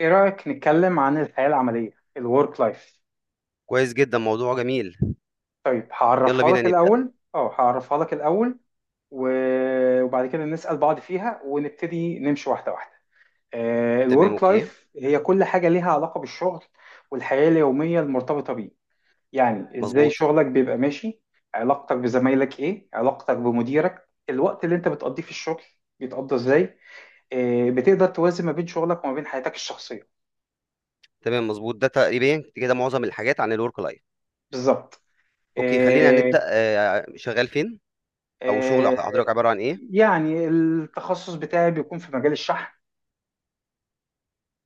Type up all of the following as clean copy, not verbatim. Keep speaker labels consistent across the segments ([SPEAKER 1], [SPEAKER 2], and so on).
[SPEAKER 1] ايه رأيك نتكلم عن الحياة العملية، الورك لايف؟
[SPEAKER 2] كويس جدًا، موضوع جميل.
[SPEAKER 1] طيب
[SPEAKER 2] يالّا
[SPEAKER 1] هعرفها
[SPEAKER 2] بينا
[SPEAKER 1] لك
[SPEAKER 2] نبدأ.
[SPEAKER 1] الأول، وبعد كده نسأل بعض فيها ونبتدي نمشي واحدة واحدة.
[SPEAKER 2] تمام،
[SPEAKER 1] الورك
[SPEAKER 2] أوكي،
[SPEAKER 1] لايف هي كل حاجة ليها علاقة بالشغل والحياة اليومية المرتبطة بيه. يعني ازاي
[SPEAKER 2] مضبوط،
[SPEAKER 1] شغلك بيبقى ماشي، علاقتك بزمايلك، ايه علاقتك بمديرك، الوقت اللي انت بتقضيه في الشغل بيتقضى ازاي، بتقدر توازن ما بين شغلك وما بين حياتك الشخصية.
[SPEAKER 2] تمام، مضبوط. ده تقريبًا كده معظم الحاجات عن الwork life.
[SPEAKER 1] بالظبط.
[SPEAKER 2] أوكي، خلّينا
[SPEAKER 1] آه،
[SPEAKER 2] نبدأ شغّال فين أو شغل
[SPEAKER 1] آه،
[SPEAKER 2] حضرتك عبارة عن إيه؟
[SPEAKER 1] يعني التخصص بتاعي بيكون في مجال الشحن.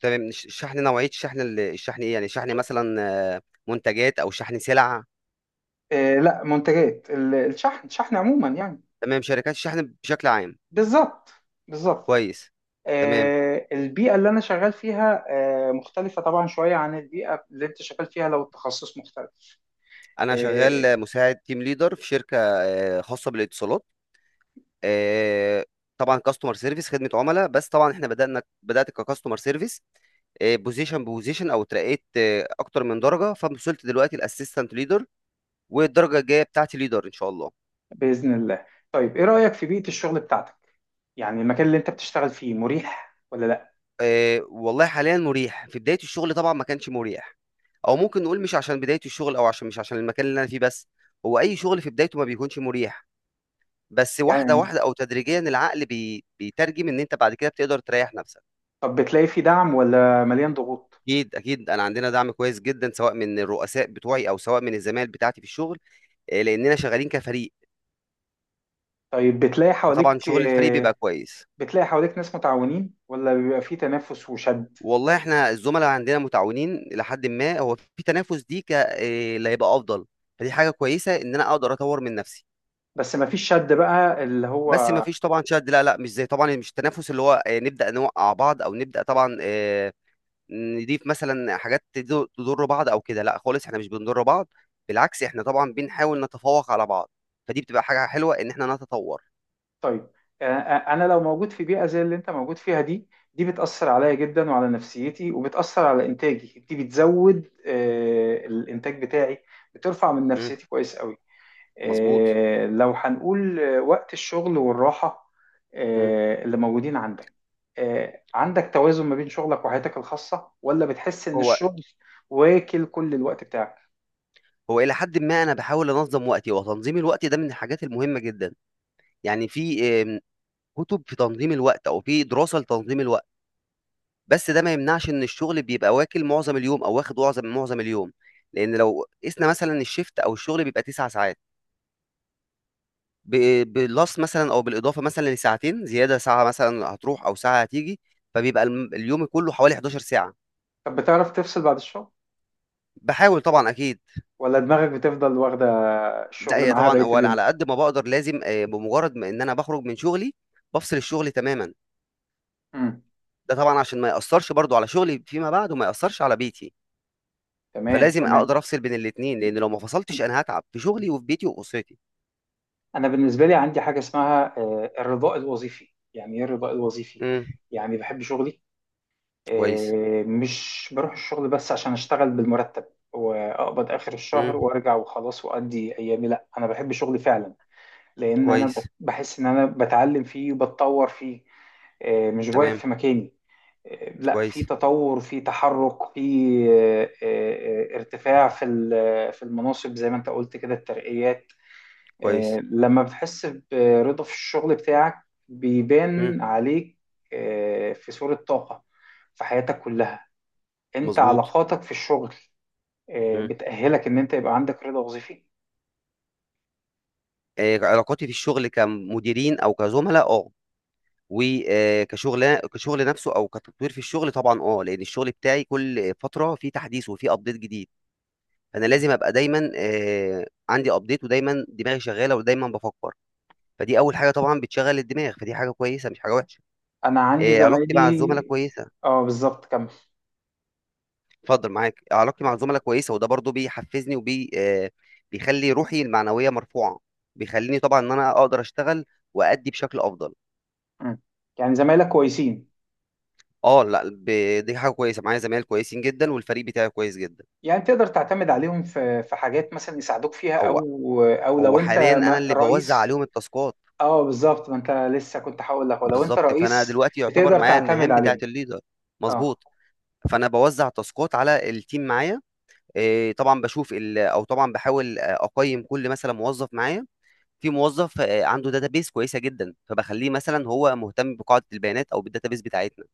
[SPEAKER 2] تمام، الشحن نوعية الشحن الشحن إيه؟ يعني شحن مثلًا، آه، منتجات أو شحن سلع؟
[SPEAKER 1] لا، منتجات، ال- الشحن عموما يعني.
[SPEAKER 2] تمام، شركات الشحن بشكل عام.
[SPEAKER 1] بالظبط، بالظبط.
[SPEAKER 2] كويس، تمام.
[SPEAKER 1] البيئة اللي أنا شغال فيها مختلفة طبعا شوية عن البيئة اللي أنت شغال فيها لو التخصص مختلف.
[SPEAKER 2] أنا
[SPEAKER 1] آه.
[SPEAKER 2] شغّال مساعد team leader في شركة خاصة بالاتصالات. آآ طبعًا customer service خدمة عُملا، بس طبعًا إحنا بدأت كcustomer service بوزيشن، او اترقيت، اكتر من درجه فوصلت دلوقتي الاسيستنت ليدر، والدرجه الجايه بتاعتي ليدر ان شاء الله.
[SPEAKER 1] بإذن الله. طيب إيه رأيك في بيئة الشغل بتاعتك؟ يعني المكان اللي أنت بتشتغل فيه مريح ولا لا؟
[SPEAKER 2] والله حاليا مريح، في بدايه الشغل طبعا ما كانش مريح، او ممكن نقول مش عشان بدايه الشغل، او عشان، مش عشان المكان اللي انا فيه بس، هو اي شغل في بدايته ما بيكونش مريح. بس واحده
[SPEAKER 1] يعني،
[SPEAKER 2] واحده او تدريجيا العقل بيترجم ان انت بعد كده بتقدر تريح نفسك.
[SPEAKER 1] طب بتلاقي فيه دعم ولا مليان ضغوط؟
[SPEAKER 2] اكيد اكيد، انا عندنا دعم كويس جدا سواء من الرؤساء بتوعي او سواء من الزمايل بتاعتي في الشغل، لاننا شغالين كفريق،
[SPEAKER 1] طيب بتلاقي
[SPEAKER 2] فطبعا
[SPEAKER 1] حواليك،
[SPEAKER 2] شغل الفريق بيبقى كويس.
[SPEAKER 1] بتلاقي حواليك ناس متعاونين ولا بيبقى فيه تنافس وشد؟
[SPEAKER 2] والله احنا الزملاء عندنا متعاونين الى حد ما، هو في تنافس، دي ك إيه اللي هيبقى افضل، فدي حاجه كويسه ان انا اقدر اطور من نفسي.
[SPEAKER 1] بس ما فيش شد بقى اللي هو.
[SPEAKER 2] بس ما فيش طبعا شد، لا لا، مش زي طبعا، مش التنافس اللي هو إيه، نبدا نوقع بعض او نبدا طبعا، إيه، نضيف مثلا حاجات تضر بعض او كده، لا خالص، احنا مش بنضر بعض، بالعكس احنا طبعا بنحاول نتفوق على بعض، فدي بتبقى حاجه حلوه ان احنا نتطور.
[SPEAKER 1] طيب، انا لو موجود في بيئه زي اللي انت موجود فيها دي، دي بتاثر عليا جدا وعلى نفسيتي، وبتاثر على انتاجي، دي بتزود الانتاج بتاعي، بترفع من
[SPEAKER 2] مم،
[SPEAKER 1] نفسيتي كويس قوي.
[SPEAKER 2] مظبوط.
[SPEAKER 1] لو هنقول وقت الشغل والراحه
[SPEAKER 2] مم.
[SPEAKER 1] اللي موجودين عندك، عندك توازن ما بين شغلك وحياتك الخاصه ولا بتحس ان
[SPEAKER 2] هو
[SPEAKER 1] الشغل واكل كل الوقت بتاعك؟
[SPEAKER 2] هو الى حد ما انا بحاول انظم وقتي، وتنظيم الوقت ده من الحاجات المهمه جدا. يعني في كتب في تنظيم الوقت أو في دراسة لتنظيم الوقت، بس ده ما يمنعش إن الشغل بيبقى واكل معظم اليوم، أو واخد معظم اليوم، لأن لو قِسنا مثلًا الشيفت أو الشغل بيبقى 9 ساعات، ب بالplus مثلًا أو بالإضافة مثلًا لساعتين زيادة، ساعة مثلًا هتروح أو ساعة هتيجي، فبيبقى اليوم كله حوالي 11 ساعة.
[SPEAKER 1] طب بتعرف تفصل بعد الشغل
[SPEAKER 2] باحاول طبعًا أكيد.
[SPEAKER 1] ولا دماغك بتفضل واخدة
[SPEAKER 2] لأ،
[SPEAKER 1] الشغل
[SPEAKER 2] هي
[SPEAKER 1] معاها
[SPEAKER 2] طبعًا
[SPEAKER 1] بقية
[SPEAKER 2] هو أنا
[SPEAKER 1] اليوم؟
[SPEAKER 2] على قد ما باقدر لازم، بمجرد ما إن أنا باخرج من شغلي، بافصل الشغل تمامًا،
[SPEAKER 1] امم
[SPEAKER 2] ده طبعًا عشان ما يأثّرش برضه على شغلي فيما بعد وما يأثّرش على بيتي.
[SPEAKER 1] تمام،
[SPEAKER 2] فلازم
[SPEAKER 1] تمام.
[SPEAKER 2] اقدر افصل بين الاثنين، لان لو ما فصلتش انا هتعب في شغلي وفي بيتي واسرتي.
[SPEAKER 1] أنا بالنسبة لي عندي حاجة اسمها الرضاء الوظيفي. يعني إيه الرضاء الوظيفي؟
[SPEAKER 2] امم.
[SPEAKER 1] يعني بحب شغلي.
[SPEAKER 2] كويس.
[SPEAKER 1] مش بروح الشغل بس عشان أشتغل بالمرتب وأقبض آخر الشهر
[SPEAKER 2] امم.
[SPEAKER 1] وأرجع وخلاص وأدي أيامي، لأ أنا بحب شغلي فعلا. لأن أنا
[SPEAKER 2] كويس.
[SPEAKER 1] بحس إن أنا بتعلم فيه وبتطور فيه. مش واقف
[SPEAKER 2] تمام.
[SPEAKER 1] في مكاني. لا، في
[SPEAKER 2] كويس.
[SPEAKER 1] تطور، في تحرك، في ارتفاع في في المناصب زي ما انت قلت كده، الترقيات.
[SPEAKER 2] كويس.
[SPEAKER 1] لما بتحس برضا في الشغل بتاعك
[SPEAKER 2] امم.
[SPEAKER 1] بيبان عليك في صورة طاقة في حياتك كلها. انت
[SPEAKER 2] مظبوط.
[SPEAKER 1] علاقاتك في الشغل
[SPEAKER 2] امم.
[SPEAKER 1] بتأهلك ان انت يبقى عندك رضا وظيفي.
[SPEAKER 2] علاقاتي في الشغل كمديرين او كزملاء، وكشغل كشغل نفسه، او كتطوير في الشغل طبعا، لان الشغل بتاعي كل فتره فيه تحديث وفيه ابديت جديد، فانا لازم ابقى دايما عندي ابديت، ودايما دماغي شغاله، ودايما بفكر، فدي اول حاجه طبعا بتشغل الدماغ، فدي حاجه كويسه مش حاجه وحشه.
[SPEAKER 1] انا عندي
[SPEAKER 2] علاقتي مع الزملاء
[SPEAKER 1] زمايلي.
[SPEAKER 2] كويسه.
[SPEAKER 1] اه، بالظبط، كمل.
[SPEAKER 2] اتفضل معاك. علاقتي مع الزملاء كويسه، وده برضو بيحفزني وبي آه، بيخلي روحي المعنويه مرفوعه، بيخليني طبعا ان انا اقدر اشتغل، وادي بشكل افضل.
[SPEAKER 1] مم. يعني زمايلك كويسين،
[SPEAKER 2] اه، لا، دي حاجه كويسه، معايا زمايل كويسين جدا، والفريق بتاعي كويس جدا.
[SPEAKER 1] يعني تقدر تعتمد عليهم في في حاجات مثلا يساعدوك فيها،
[SPEAKER 2] هو
[SPEAKER 1] او او لو
[SPEAKER 2] هو
[SPEAKER 1] انت
[SPEAKER 2] حاليا انا اللي بوزع
[SPEAKER 1] رئيس.
[SPEAKER 2] عليهم التاسكات.
[SPEAKER 1] اه بالظبط، ما انت لسه كنت هقول لك، ولو انت
[SPEAKER 2] بالظبط، فانا
[SPEAKER 1] رئيس
[SPEAKER 2] دلوقتي يعتبر
[SPEAKER 1] بتقدر
[SPEAKER 2] معايا
[SPEAKER 1] تعتمد
[SPEAKER 2] المهام بتاعه
[SPEAKER 1] عليهم.
[SPEAKER 2] الليدر.
[SPEAKER 1] اه.
[SPEAKER 2] مظبوط. فانا بوزع تاسكات على التيم معايا، إيه، طبعا بشوف او طبعا بحاول، اقيم كل مثلا موظف معايا. في موظف، عنده داتابيس كويسه جدا، فبخليه مثلا هو مهتم بقاعده البيانات او بالداتابيس بتاعتنا.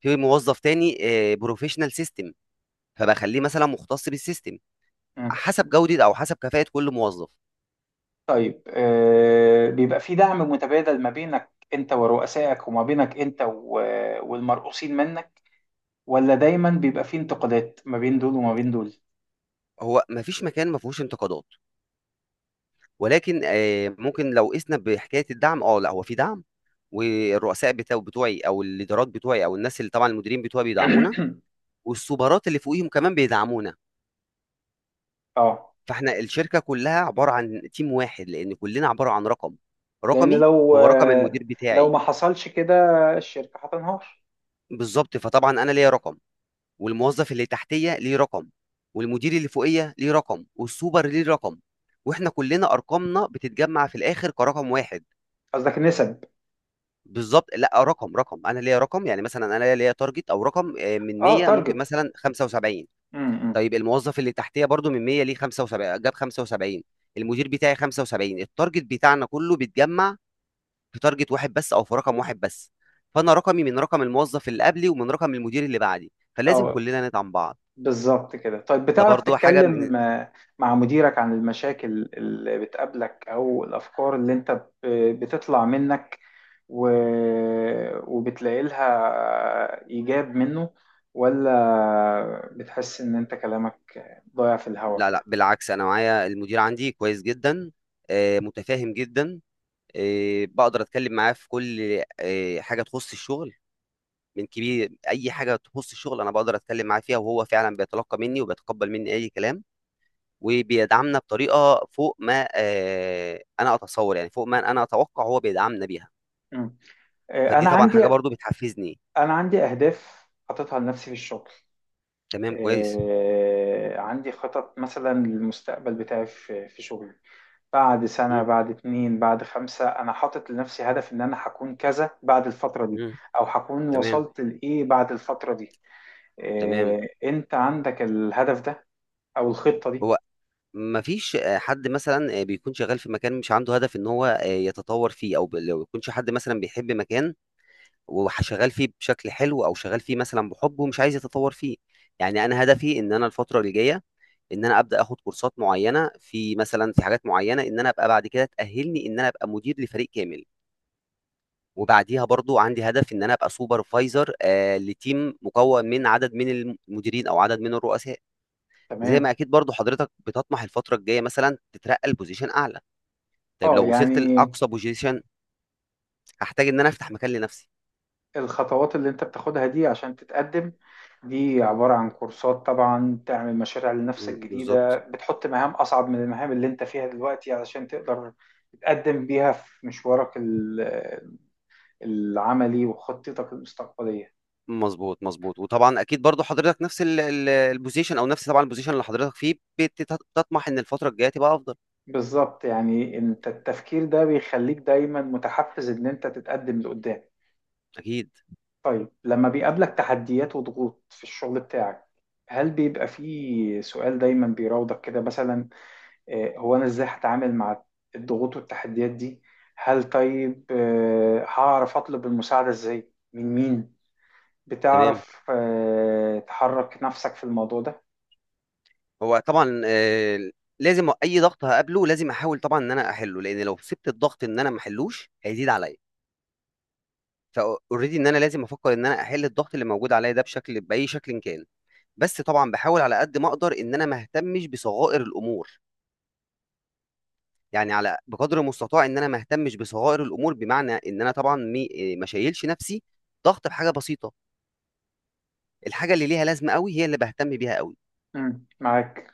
[SPEAKER 2] في موظف تاني بروفيشنال سيستم، فبخليه مثلا مختص بالسيستم،
[SPEAKER 1] مم.
[SPEAKER 2] حسب جوده او حسب كفاءه كل موظف.
[SPEAKER 1] طيب بيبقى في دعم متبادل ما بينك انت ورؤسائك، وما بينك انت والمرؤوسين منك، ولا دايما بيبقى في انتقادات ما بين دول وما بين دول؟
[SPEAKER 2] هو ما فيش مكان ما فيهوش انتقادات، ولكن، ممكن لو قسنا بحكايه الدعم، اه، لا، هو في دعم، والرؤساء بتوعي، او الادارات بتوعي، او الناس اللي طبعا المديرين بتوعي بيدعمونا، والسوبرات اللي فوقيهم كمان بيدعمونا،
[SPEAKER 1] اه،
[SPEAKER 2] فاحنا الشركه كلها عباره عن تيم واحد، لان كلنا عباره عن رقم.
[SPEAKER 1] لان
[SPEAKER 2] رقمي
[SPEAKER 1] لو
[SPEAKER 2] هو رقم المدير
[SPEAKER 1] لو
[SPEAKER 2] بتاعي.
[SPEAKER 1] ما حصلش كده الشركة هتنهار.
[SPEAKER 2] بالظبط، فطبعا انا ليا رقم، والموظف اللي تحتيه ليه رقم، والمدير اللي فوقيه ليه رقم، والسوبر ليه رقم، واحنا كلنا ارقامنا بتتجمع في الاخر كرقم واحد.
[SPEAKER 1] قصدك نسب؟
[SPEAKER 2] بالظبط، لا، رقم، انا ليا رقم، يعني مثلا انا ليا تارجت او رقم، من
[SPEAKER 1] اه،
[SPEAKER 2] 100 ممكن
[SPEAKER 1] تارجت.
[SPEAKER 2] مثلا 75.
[SPEAKER 1] امم.
[SPEAKER 2] طيب الموظف اللي تحتيه برضو من 100 ليه 75، جاب 75. المدير بتاعي 75، التارجت بتاعنا كله بيتجمع في تارجت واحد بس، او في رقم واحد بس. فانا رقمي من رقم الموظف اللي قبلي، ومن رقم المدير اللي بعدي، فلازم
[SPEAKER 1] اه
[SPEAKER 2] كلنا ندعم بعض.
[SPEAKER 1] بالظبط كده. طيب
[SPEAKER 2] ده
[SPEAKER 1] بتعرف
[SPEAKER 2] برضو حاجه من.
[SPEAKER 1] تتكلم مع مديرك عن المشاكل اللي بتقابلك او الافكار اللي انت بتطلع منك و... وبتلاقي لها ايجاب منه، ولا بتحس ان انت كلامك ضايع في الهوا
[SPEAKER 2] لا لا،
[SPEAKER 1] كده؟
[SPEAKER 2] بالعكس، انا معايا المدير عندي كويس جدا، متفاهم جدا، بقدر اتكلم معاه في كل، حاجه تخص الشغل، من كبير، اي حاجه تخص الشغل انا بقدر اتكلم معاه فيها، وهو فعلا بيتلقى مني وبيتقبل مني اي كلام، وبيدعمنا بطريقه فوق ما، انا اتصور، يعني فوق ما انا اتوقع هو بيدعمنا بيها،
[SPEAKER 1] مم. آه،
[SPEAKER 2] فدي
[SPEAKER 1] انا
[SPEAKER 2] طبعا
[SPEAKER 1] عندي
[SPEAKER 2] حاجه برضو بتحفزني.
[SPEAKER 1] انا عندي اهداف حاططها لنفسي في الشغل.
[SPEAKER 2] تمام، كويس.
[SPEAKER 1] عندي خطط مثلا للمستقبل بتاعي في في شغلي. بعد 1 سنة،
[SPEAKER 2] مم.
[SPEAKER 1] بعد 2، بعد 5، أنا حاطط لنفسي هدف إن أنا هكون كذا بعد الفترة دي،
[SPEAKER 2] مم.
[SPEAKER 1] أو هكون
[SPEAKER 2] تمام،
[SPEAKER 1] وصلت لإيه بعد الفترة دي.
[SPEAKER 2] تمام.
[SPEAKER 1] إيه، أنت عندك الهدف ده أو الخطة دي؟
[SPEAKER 2] هو مفيش، حد مثلا، بيكون شغال في مكان مش عنده هدف ان هو، يتطور فيه، او لو يكونش حد مثلا بيحب مكان وشغال فيه بشكل حلو، او شغال فيه مثلا بحب ومش عايز يتطور فيه. يعني انا هدفي ان انا الفتره اللي جايه، ان انا ابدا اخد كورسات معينه في حاجات معينه، ان انا ابقى بعد كده تاهلني ان انا ابقى مدير لفريق كامل، وبعديها برضو عندي هدف ان انا ابقى سوبرفايزر، لتيم مكون من عدد من المديرين او عدد من الرؤساء. زي ما
[SPEAKER 1] تمام.
[SPEAKER 2] اكيد برضو حضرتك بتطمح الفتره الجايه مثلا تترقى لبوزيشن اعلى، طيب
[SPEAKER 1] أه
[SPEAKER 2] لو وصلت
[SPEAKER 1] يعني
[SPEAKER 2] لاقصى بوزيشن هحتاج ان انا افتح مكان لنفسي.
[SPEAKER 1] الخطوات اللي أنت بتاخدها دي عشان تتقدم، دي عبارة عن كورسات طبعا، تعمل مشاريع لنفسك جديدة،
[SPEAKER 2] بالظبط.
[SPEAKER 1] بتحط مهام أصعب من المهام اللي أنت فيها دلوقتي علشان تقدر تتقدم بيها في مشوارك العملي وخطتك المستقبلية.
[SPEAKER 2] مظبوط مظبوط، وطبعا اكيد برضو حضرتك نفس البوزيشن، او نفس طبعا البوزيشن اللي حضرتك فيه، بتطمح ان الفتره الجايه تبقى افضل.
[SPEAKER 1] بالظبط، يعني انت التفكير ده بيخليك دايما متحفز ان انت تتقدم لقدام.
[SPEAKER 2] اكيد.
[SPEAKER 1] طيب لما بيقابلك تحديات وضغوط في الشغل بتاعك، هل بيبقى فيه سؤال دايما بيراودك كده، مثلا هو انا ازاي هتعامل مع الضغوط والتحديات دي؟ هل طيب هعرف اطلب المساعدة ازاي، من مين؟
[SPEAKER 2] تمام.
[SPEAKER 1] بتعرف تحرك نفسك في الموضوع ده؟
[SPEAKER 2] هو طبعا، لازم اي ضغط هقابله لازم احاول طبعا ان انا احله، لان لو سبت الضغط ان انا ما احلوش هيزيد عليا، فاوريدي ان انا لازم افكر ان انا احل الضغط اللي موجود عليا ده بشكل، باي شكل كان. بس طبعا بحاول على قد ما اقدر ان انا ما اهتمش بصغائر الامور، يعني على بقدر المستطاع ان انا ما اهتمش بصغائر الامور، بمعنى ان انا طبعا مي- إيه، ما شايلش نفسي ضغط بحاجه بسيطه، الحاجه اللي ليها لازمه قوي هي اللي بهتم بيها قوي،
[SPEAKER 1] مم، معاك.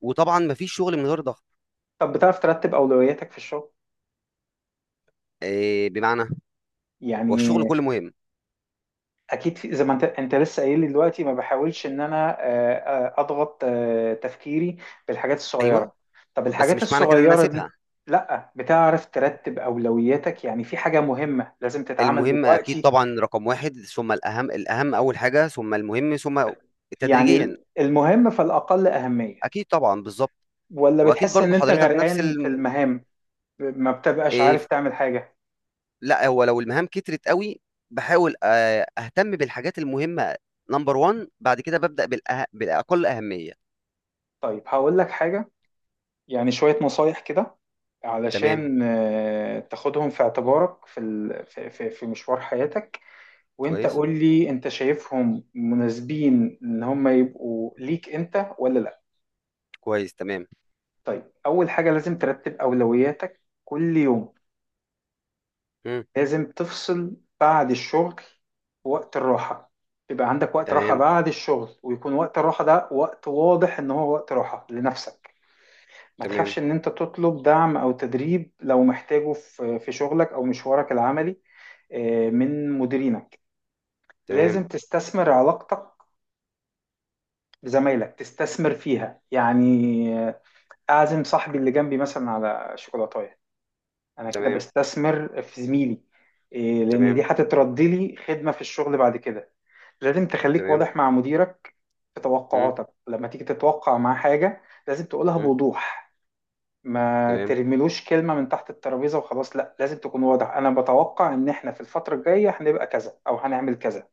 [SPEAKER 2] وطبعا ما فيش شغل من غير ضغط.
[SPEAKER 1] طب بتعرف ترتب اولوياتك في الشغل؟
[SPEAKER 2] إيه، بمعنى، هو الشغل
[SPEAKER 1] يعني
[SPEAKER 2] كله مهم.
[SPEAKER 1] اكيد، في زي ما انت لسه قايل لي دلوقتي، ما بحاولش ان انا اضغط تفكيري بالحاجات
[SPEAKER 2] ايوه،
[SPEAKER 1] الصغيره. طب
[SPEAKER 2] بس
[SPEAKER 1] الحاجات
[SPEAKER 2] مش معنى كده ان انا
[SPEAKER 1] الصغيره دي،
[SPEAKER 2] اسيبها.
[SPEAKER 1] لا بتعرف ترتب اولوياتك، يعني في حاجه مهمه لازم تتعمل
[SPEAKER 2] المهم اكيد
[SPEAKER 1] دلوقتي،
[SPEAKER 2] طبعا رقم واحد ثم الاهم، الاهم اول حاجه، ثم المهم، ثم
[SPEAKER 1] يعني
[SPEAKER 2] تدريجيا.
[SPEAKER 1] المهم فالاقل اهميه،
[SPEAKER 2] اكيد طبعا بالظبط.
[SPEAKER 1] ولا
[SPEAKER 2] واكيد
[SPEAKER 1] بتحس
[SPEAKER 2] برضو
[SPEAKER 1] ان انت
[SPEAKER 2] حضرتك نفس
[SPEAKER 1] غرقان في
[SPEAKER 2] ال...
[SPEAKER 1] المهام ما بتبقاش
[SPEAKER 2] إيه،
[SPEAKER 1] عارف تعمل حاجه؟
[SPEAKER 2] لا، هو لو المهام كترت قوي، بحاول، اهتم بالحاجات المهمه نمبر 1، بعد كده ببدا بالاقل اهميه.
[SPEAKER 1] طيب هقول لك حاجه، يعني شويه نصايح كده،
[SPEAKER 2] تمام،
[SPEAKER 1] علشان تاخدهم في اعتبارك في في مشوار حياتك، وانت
[SPEAKER 2] كويس.
[SPEAKER 1] قول لي انت شايفهم مناسبين ان هم يبقوا ليك انت ولا لا.
[SPEAKER 2] كويس. تمام.
[SPEAKER 1] طيب، اول حاجة لازم ترتب اولوياتك كل يوم.
[SPEAKER 2] مم.
[SPEAKER 1] لازم تفصل بعد الشغل، وقت الراحة، يبقى عندك وقت راحة
[SPEAKER 2] تمام،
[SPEAKER 1] بعد الشغل، ويكون وقت الراحة ده وقت واضح ان هو وقت راحة لنفسك. ما
[SPEAKER 2] تمام.
[SPEAKER 1] تخافش ان انت تطلب دعم او تدريب لو محتاجه في في شغلك او مشوارك العملي من مديرينك.
[SPEAKER 2] تمام،
[SPEAKER 1] لازم تستثمر علاقتك لزمايلك، تستثمر فيها يعني، اعزم صاحبي اللي جنبي مثلا على شوكولاتايه، انا كده
[SPEAKER 2] تمام،
[SPEAKER 1] بستثمر في زميلي، إيه، لان دي
[SPEAKER 2] تمام،
[SPEAKER 1] هتتردي لي خدمه في الشغل بعد كده. لازم تخليك
[SPEAKER 2] تمام.
[SPEAKER 1] واضح مع مديرك في
[SPEAKER 2] مم.
[SPEAKER 1] توقعاتك، لما تيجي تتوقع معاه حاجه لازم تقولها
[SPEAKER 2] مم.
[SPEAKER 1] بوضوح. ما
[SPEAKER 2] تمام،
[SPEAKER 1] ترميلوش كلمه من تحت الترابيزه وخلاص، لا، لازم تكون واضح، انا بتوقع ان احنا في الفتره الجايه هنبقى كذا او هنعمل كذا.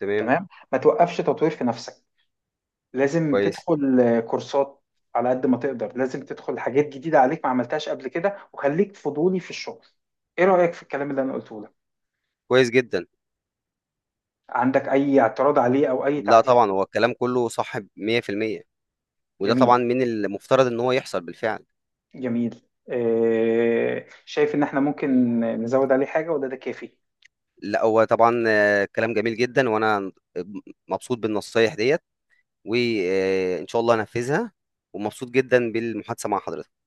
[SPEAKER 2] تمام.
[SPEAKER 1] تمام، ما توقفش تطوير في نفسك، لازم
[SPEAKER 2] كويس.
[SPEAKER 1] تدخل كورسات على قد ما تقدر، لازم تدخل حاجات جديدة عليك ما عملتهاش قبل كده، وخليك فضولي في الشغل. ايه رأيك في الكلام اللي انا قلته لك؟
[SPEAKER 2] كويس جدا.
[SPEAKER 1] عندك اي اعتراض عليه او اي
[SPEAKER 2] لا،
[SPEAKER 1] تعديل
[SPEAKER 2] طبعا
[SPEAKER 1] فيه؟
[SPEAKER 2] هو الكلام كله صح 100%، وده
[SPEAKER 1] جميل،
[SPEAKER 2] طبعا من المفترض ان هو يحصل بالفعل.
[SPEAKER 1] جميل. شايف ان احنا ممكن نزود عليه حاجة ولا ده كافي؟
[SPEAKER 2] لا، هو طبعا، كلام جميل جدا، وانا مبسوط بالنصايح ديت، وان شاء الله انفذها، ومبسوط جدا بالمحادثه مع حضرتك.